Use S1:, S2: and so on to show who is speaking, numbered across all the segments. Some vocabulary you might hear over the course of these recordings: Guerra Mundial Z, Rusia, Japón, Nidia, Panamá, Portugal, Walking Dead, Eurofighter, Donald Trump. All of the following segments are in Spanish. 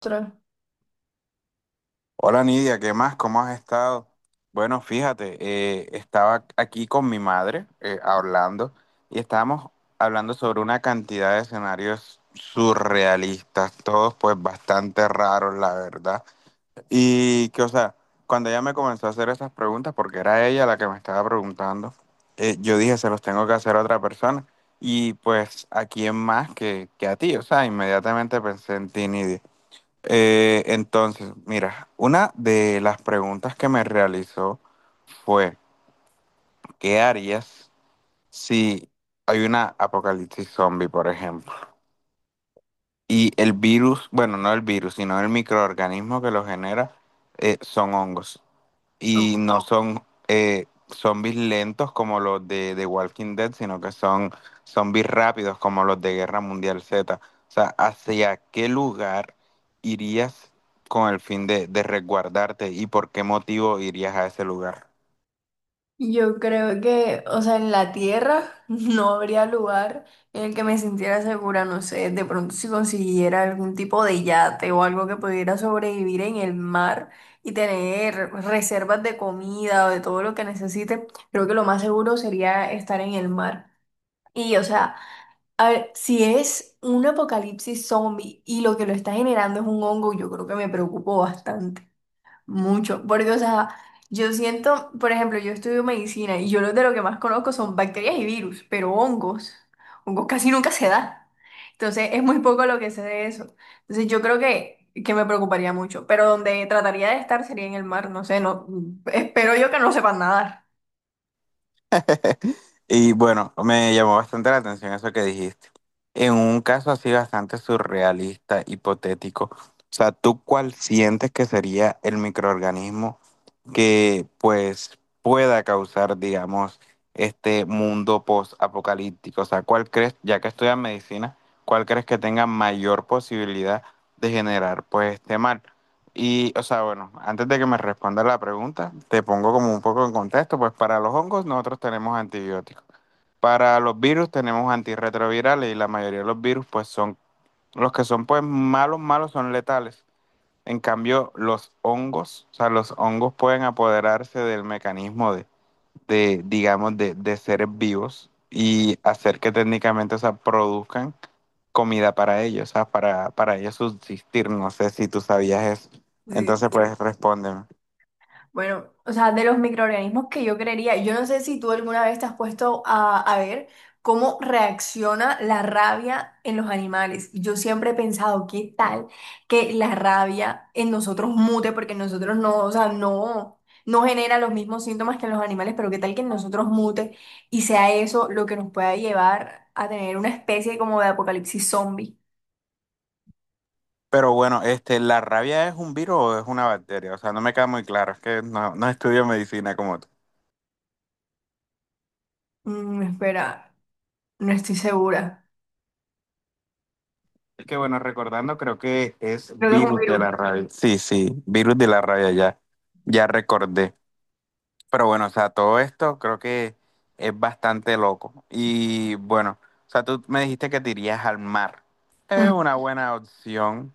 S1: Ostras.
S2: Hola Nidia, ¿qué más? ¿Cómo has estado? Bueno, fíjate, estaba aquí con mi madre hablando y estábamos hablando sobre una cantidad de escenarios surrealistas, todos pues bastante raros, la verdad. Y que, o sea, cuando ella me comenzó a hacer esas preguntas, porque era ella la que me estaba preguntando, yo dije, se los tengo que hacer a otra persona. Y pues, ¿a quién más que a ti? O sea, inmediatamente pensé en ti, Nidia. Entonces, mira, una de las preguntas que me realizó fue, ¿qué harías si hay una apocalipsis zombie, por ejemplo? Y el virus, bueno, no el virus, sino el microorganismo que lo genera, son hongos. Y no son zombies lentos como los de Walking Dead, sino que son zombies rápidos como los de Guerra Mundial Z. O sea, ¿hacia qué lugar irías con el fin de resguardarte y por qué motivo irías a ese lugar?
S1: Yo creo que, o sea, en la tierra no habría lugar en el que me sintiera segura. No sé, de pronto si consiguiera algún tipo de yate o algo que pudiera sobrevivir en el mar y tener reservas de comida o de todo lo que necesite, creo que lo más seguro sería estar en el mar. Y, o sea, a ver, si es un apocalipsis zombie y lo que lo está generando es un hongo, yo creo que me preocupo bastante. Mucho, porque, o sea, yo siento, por ejemplo, yo estudio medicina y yo lo que más conozco son bacterias y virus, pero hongos, hongos casi nunca se da. Entonces, es muy poco lo que sé de eso. Entonces, yo creo que me preocuparía mucho, pero donde trataría de estar sería en el mar. No sé, no, espero yo que no sepan nadar.
S2: Y bueno, me llamó bastante la atención eso que dijiste. En un caso así bastante surrealista, hipotético, o sea, ¿tú cuál sientes que sería el microorganismo que pues pueda causar, digamos, este mundo post-apocalíptico? O sea, ¿cuál crees, ya que estudias medicina, cuál crees que tenga mayor posibilidad de generar pues este mal? Y, o sea, bueno, antes de que me respondas la pregunta, te pongo como un poco en contexto, pues para los hongos nosotros tenemos antibióticos. Para los virus tenemos antirretrovirales y la mayoría de los virus pues son los que son pues malos, malos son letales. En cambio, los hongos, o sea, los hongos pueden apoderarse del mecanismo de seres vivos y hacer que técnicamente, o sea, produzcan comida para ellos, o sea, para ellos subsistir. No sé si tú sabías eso.
S1: Sí.
S2: Entonces, pues respóndeme.
S1: Bueno, o sea, de los microorganismos que yo creería, yo no sé si tú alguna vez te has puesto a ver cómo reacciona la rabia en los animales. Yo siempre he pensado, ¿qué tal que la rabia en nosotros mute? Porque nosotros no, o sea, no, no genera los mismos síntomas que en los animales, pero ¿qué tal que en nosotros mute y sea eso lo que nos pueda llevar a tener una especie como de apocalipsis zombie?
S2: Pero bueno, este, ¿la rabia es un virus o es una bacteria? O sea, no me queda muy claro, es que no estudio medicina como tú.
S1: Espera, no estoy segura.
S2: Es que bueno, recordando, creo que es
S1: Creo que es un
S2: virus de
S1: virus.
S2: la rabia. Sí, sí, virus de la rabia, ya. Ya recordé. Pero bueno, o sea, todo esto creo que es bastante loco. Y bueno, o sea, tú me dijiste que te irías al mar. Es
S1: Mm.
S2: una buena opción,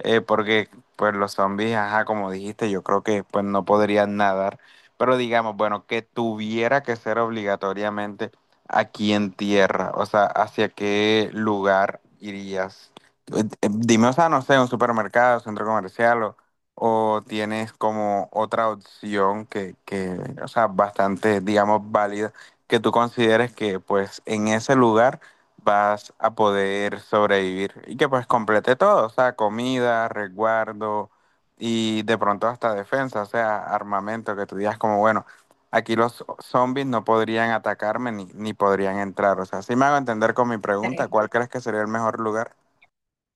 S2: porque pues los zombies, ajá, como dijiste, yo creo que pues no podrían nadar. Pero digamos, bueno, que tuviera que ser obligatoriamente aquí en tierra. O sea, ¿hacia qué lugar irías? Dime, o sea, no sé, un supermercado, centro comercial o tienes como otra opción o sea, bastante, digamos, válida, que tú consideres que pues en ese lugar vas a poder sobrevivir y que pues complete todo, o sea, comida, resguardo y de pronto hasta defensa, o sea, armamento, que tú digas como, bueno, aquí los zombies no podrían atacarme ni podrían entrar, o sea, si me hago entender con mi pregunta, ¿cuál crees que sería el mejor lugar?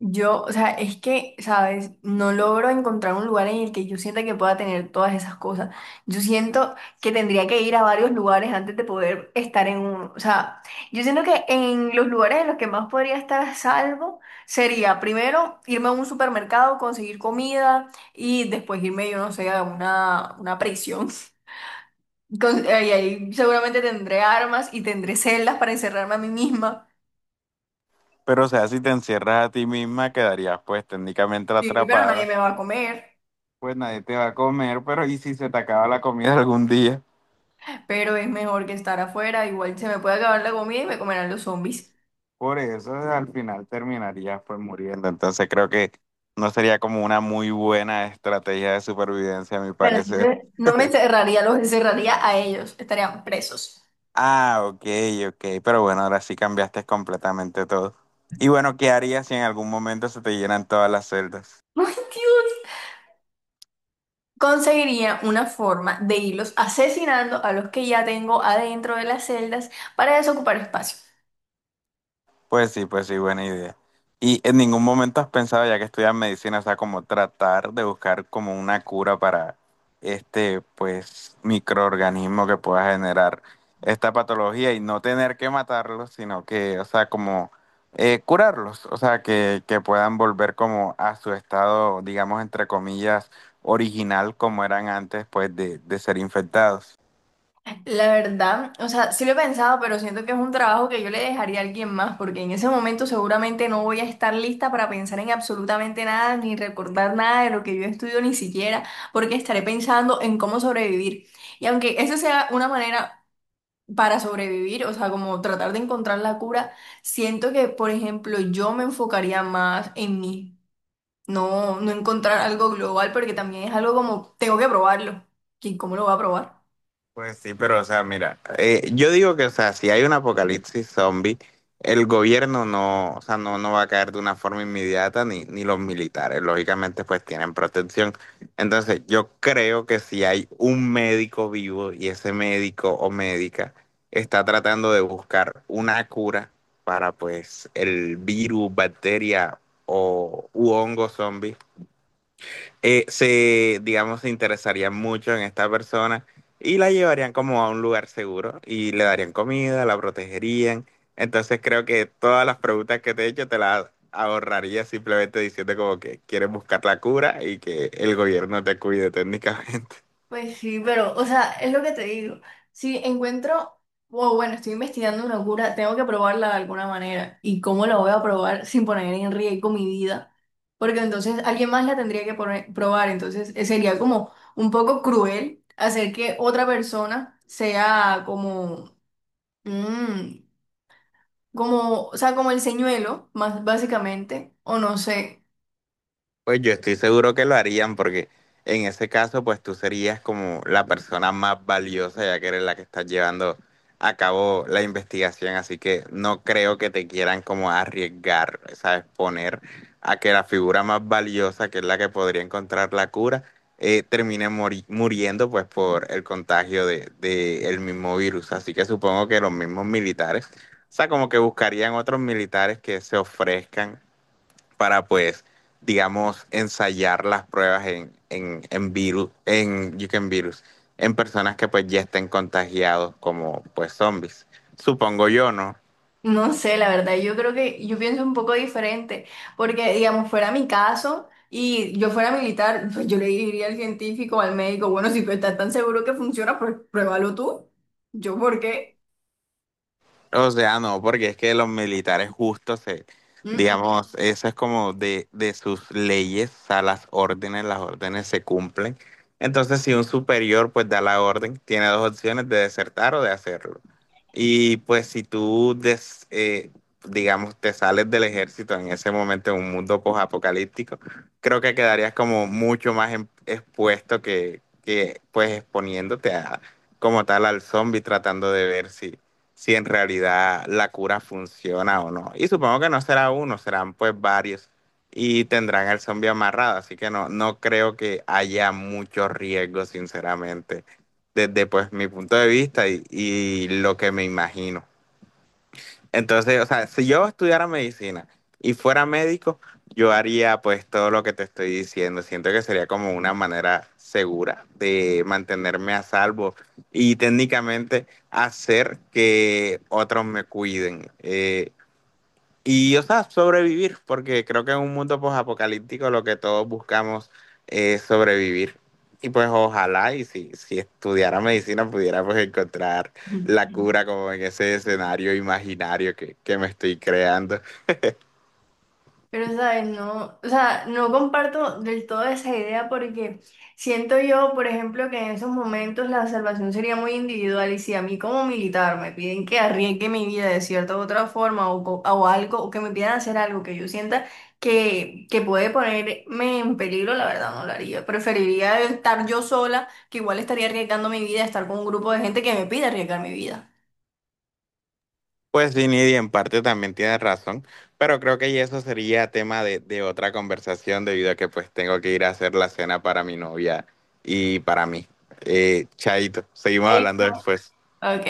S1: Yo, o sea, es que, ¿sabes? No logro encontrar un lugar en el que yo sienta que pueda tener todas esas cosas. Yo siento que tendría que ir a varios lugares antes de poder estar en uno. O sea, yo siento que en los lugares en los que más podría estar a salvo sería primero irme a un supermercado, conseguir comida y después irme, yo no sé, a una prisión. Ahí, ahí seguramente tendré armas y tendré celdas para encerrarme a mí misma.
S2: Pero, o sea, si te encierras a ti misma, quedarías pues técnicamente
S1: Sí, pero nadie
S2: atrapada,
S1: me va a comer.
S2: pues nadie te va a comer, pero ¿y si se te acaba la comida algún día?
S1: Pero es mejor que estar afuera. Igual se me puede acabar la comida y me comerán los zombies.
S2: Por eso al final terminarías pues muriendo. Entonces creo que no sería como una muy buena estrategia de supervivencia, a mi
S1: Bueno,
S2: parecer.
S1: entonces, no me encerraría, los encerraría a ellos. Estarían presos.
S2: Ah, ok, ok, pero bueno, ahora sí cambiaste completamente todo. Y bueno, ¿qué harías si en algún momento se te llenan todas las celdas?
S1: ¡Ay, Dios! Conseguiría una forma de irlos asesinando a los que ya tengo adentro de las celdas para desocupar espacio.
S2: Pues sí, buena idea. Y en ningún momento has pensado, ya que estudias medicina, o sea, como tratar de buscar como una cura para este, pues, microorganismo que pueda generar esta patología y no tener que matarlos, sino que, o sea, como curarlos, o sea, que puedan volver como a su estado, digamos, entre comillas, original como eran antes, pues, de ser infectados.
S1: La verdad, o sea, sí lo he pensado, pero siento que es un trabajo que yo le dejaría a alguien más, porque en ese momento seguramente no voy a estar lista para pensar en absolutamente nada, ni recordar nada de lo que yo estudio ni siquiera, porque estaré pensando en cómo sobrevivir. Y aunque esa sea una manera para sobrevivir, o sea, como tratar de encontrar la cura, siento que, por ejemplo, yo me enfocaría más en mí, no, no encontrar algo global, porque también es algo como, tengo que probarlo. ¿Quién cómo lo va a probar?
S2: Pues sí, pero o sea, mira, yo digo que, o sea, si hay un apocalipsis zombie, el gobierno no, o sea, no va a caer de una forma inmediata, ni los militares, lógicamente, pues tienen protección. Entonces, yo creo que si hay un médico vivo y ese médico o médica está tratando de buscar una cura para, pues, el virus, bacteria o u hongo zombie, se, digamos, se interesarían mucho en esta persona y la llevarían como a un lugar seguro y le darían comida, la protegerían. Entonces creo que todas las preguntas que te he hecho te las ahorraría simplemente diciendo como que quieres buscar la cura y que el gobierno te cuide técnicamente.
S1: Pues sí, pero, o sea, es lo que te digo. Si encuentro, o bueno, estoy investigando una cura, tengo que probarla de alguna manera. ¿Y cómo la voy a probar sin poner en riesgo mi vida? Porque entonces alguien más la tendría que probar. Entonces sería como un poco cruel hacer que otra persona sea como, mm, como, o sea, como el señuelo, más básicamente, o no sé.
S2: Pues yo estoy seguro que lo harían porque en ese caso pues tú serías como la persona más valiosa ya que eres la que estás llevando a cabo la investigación, así que no creo que te quieran como arriesgar, ¿sabes? Poner a que la figura más valiosa, que es la que podría encontrar la cura, termine muriendo pues por el contagio de el mismo virus, así que supongo que los mismos militares, o sea, como que buscarían otros militares que se ofrezcan para pues, digamos, ensayar las pruebas en virus, en you can virus, en personas que pues ya estén contagiados como pues zombies. Supongo yo, ¿no?
S1: No sé, la verdad, yo creo que yo pienso un poco diferente, porque digamos, fuera mi caso y yo fuera militar, pues yo le diría al científico, al médico, bueno, si tú estás tan seguro que funciona, pues pruébalo tú. Yo, ¿por qué?
S2: O sea, no, porque es que los militares justo se,
S1: Mm,
S2: digamos, eso es como de sus leyes, o sea, las órdenes se cumplen. Entonces, si un superior pues da la orden, tiene dos opciones de desertar o de hacerlo. Y pues si tú, digamos, te sales del ejército en ese momento en un mundo posapocalíptico, creo que quedarías como mucho más expuesto que pues exponiéndote a, como tal al zombie tratando de ver si si en realidad la cura funciona o no. Y supongo que no será uno, serán pues varios y tendrán el zombie amarrado, así que no creo que haya mucho riesgo, sinceramente, desde pues mi punto de vista y lo que me imagino. Entonces, o sea, si yo estudiara medicina y fuera médico, yo haría pues todo lo que te estoy diciendo. Siento que sería como una manera segura de mantenerme a salvo y técnicamente hacer que otros me cuiden. Y, o sea, sobrevivir, porque creo que en un mundo posapocalíptico lo que todos buscamos es sobrevivir. Y pues ojalá, y si estudiara medicina, pudiera pues encontrar
S1: mm.
S2: la cura como en ese escenario imaginario que me estoy creando.
S1: Pero, ¿sabes? No, o sea, no comparto del todo esa idea porque siento yo, por ejemplo, que en esos momentos la salvación sería muy individual, y si a mí como militar me piden que arriesgue mi vida de cierta u otra forma o, o algo, o que me pidan hacer algo que yo sienta que puede ponerme en peligro, la verdad no lo haría. Preferiría estar yo sola, que igual estaría arriesgando mi vida, estar con un grupo de gente que me pide arriesgar mi vida.
S2: Pues sí, Nidia, en parte también tienes razón, pero creo que ya eso sería tema de otra conversación debido a que pues tengo que ir a hacer la cena para mi novia y para mí. Chaito, seguimos
S1: Ay,
S2: hablando después.
S1: ok.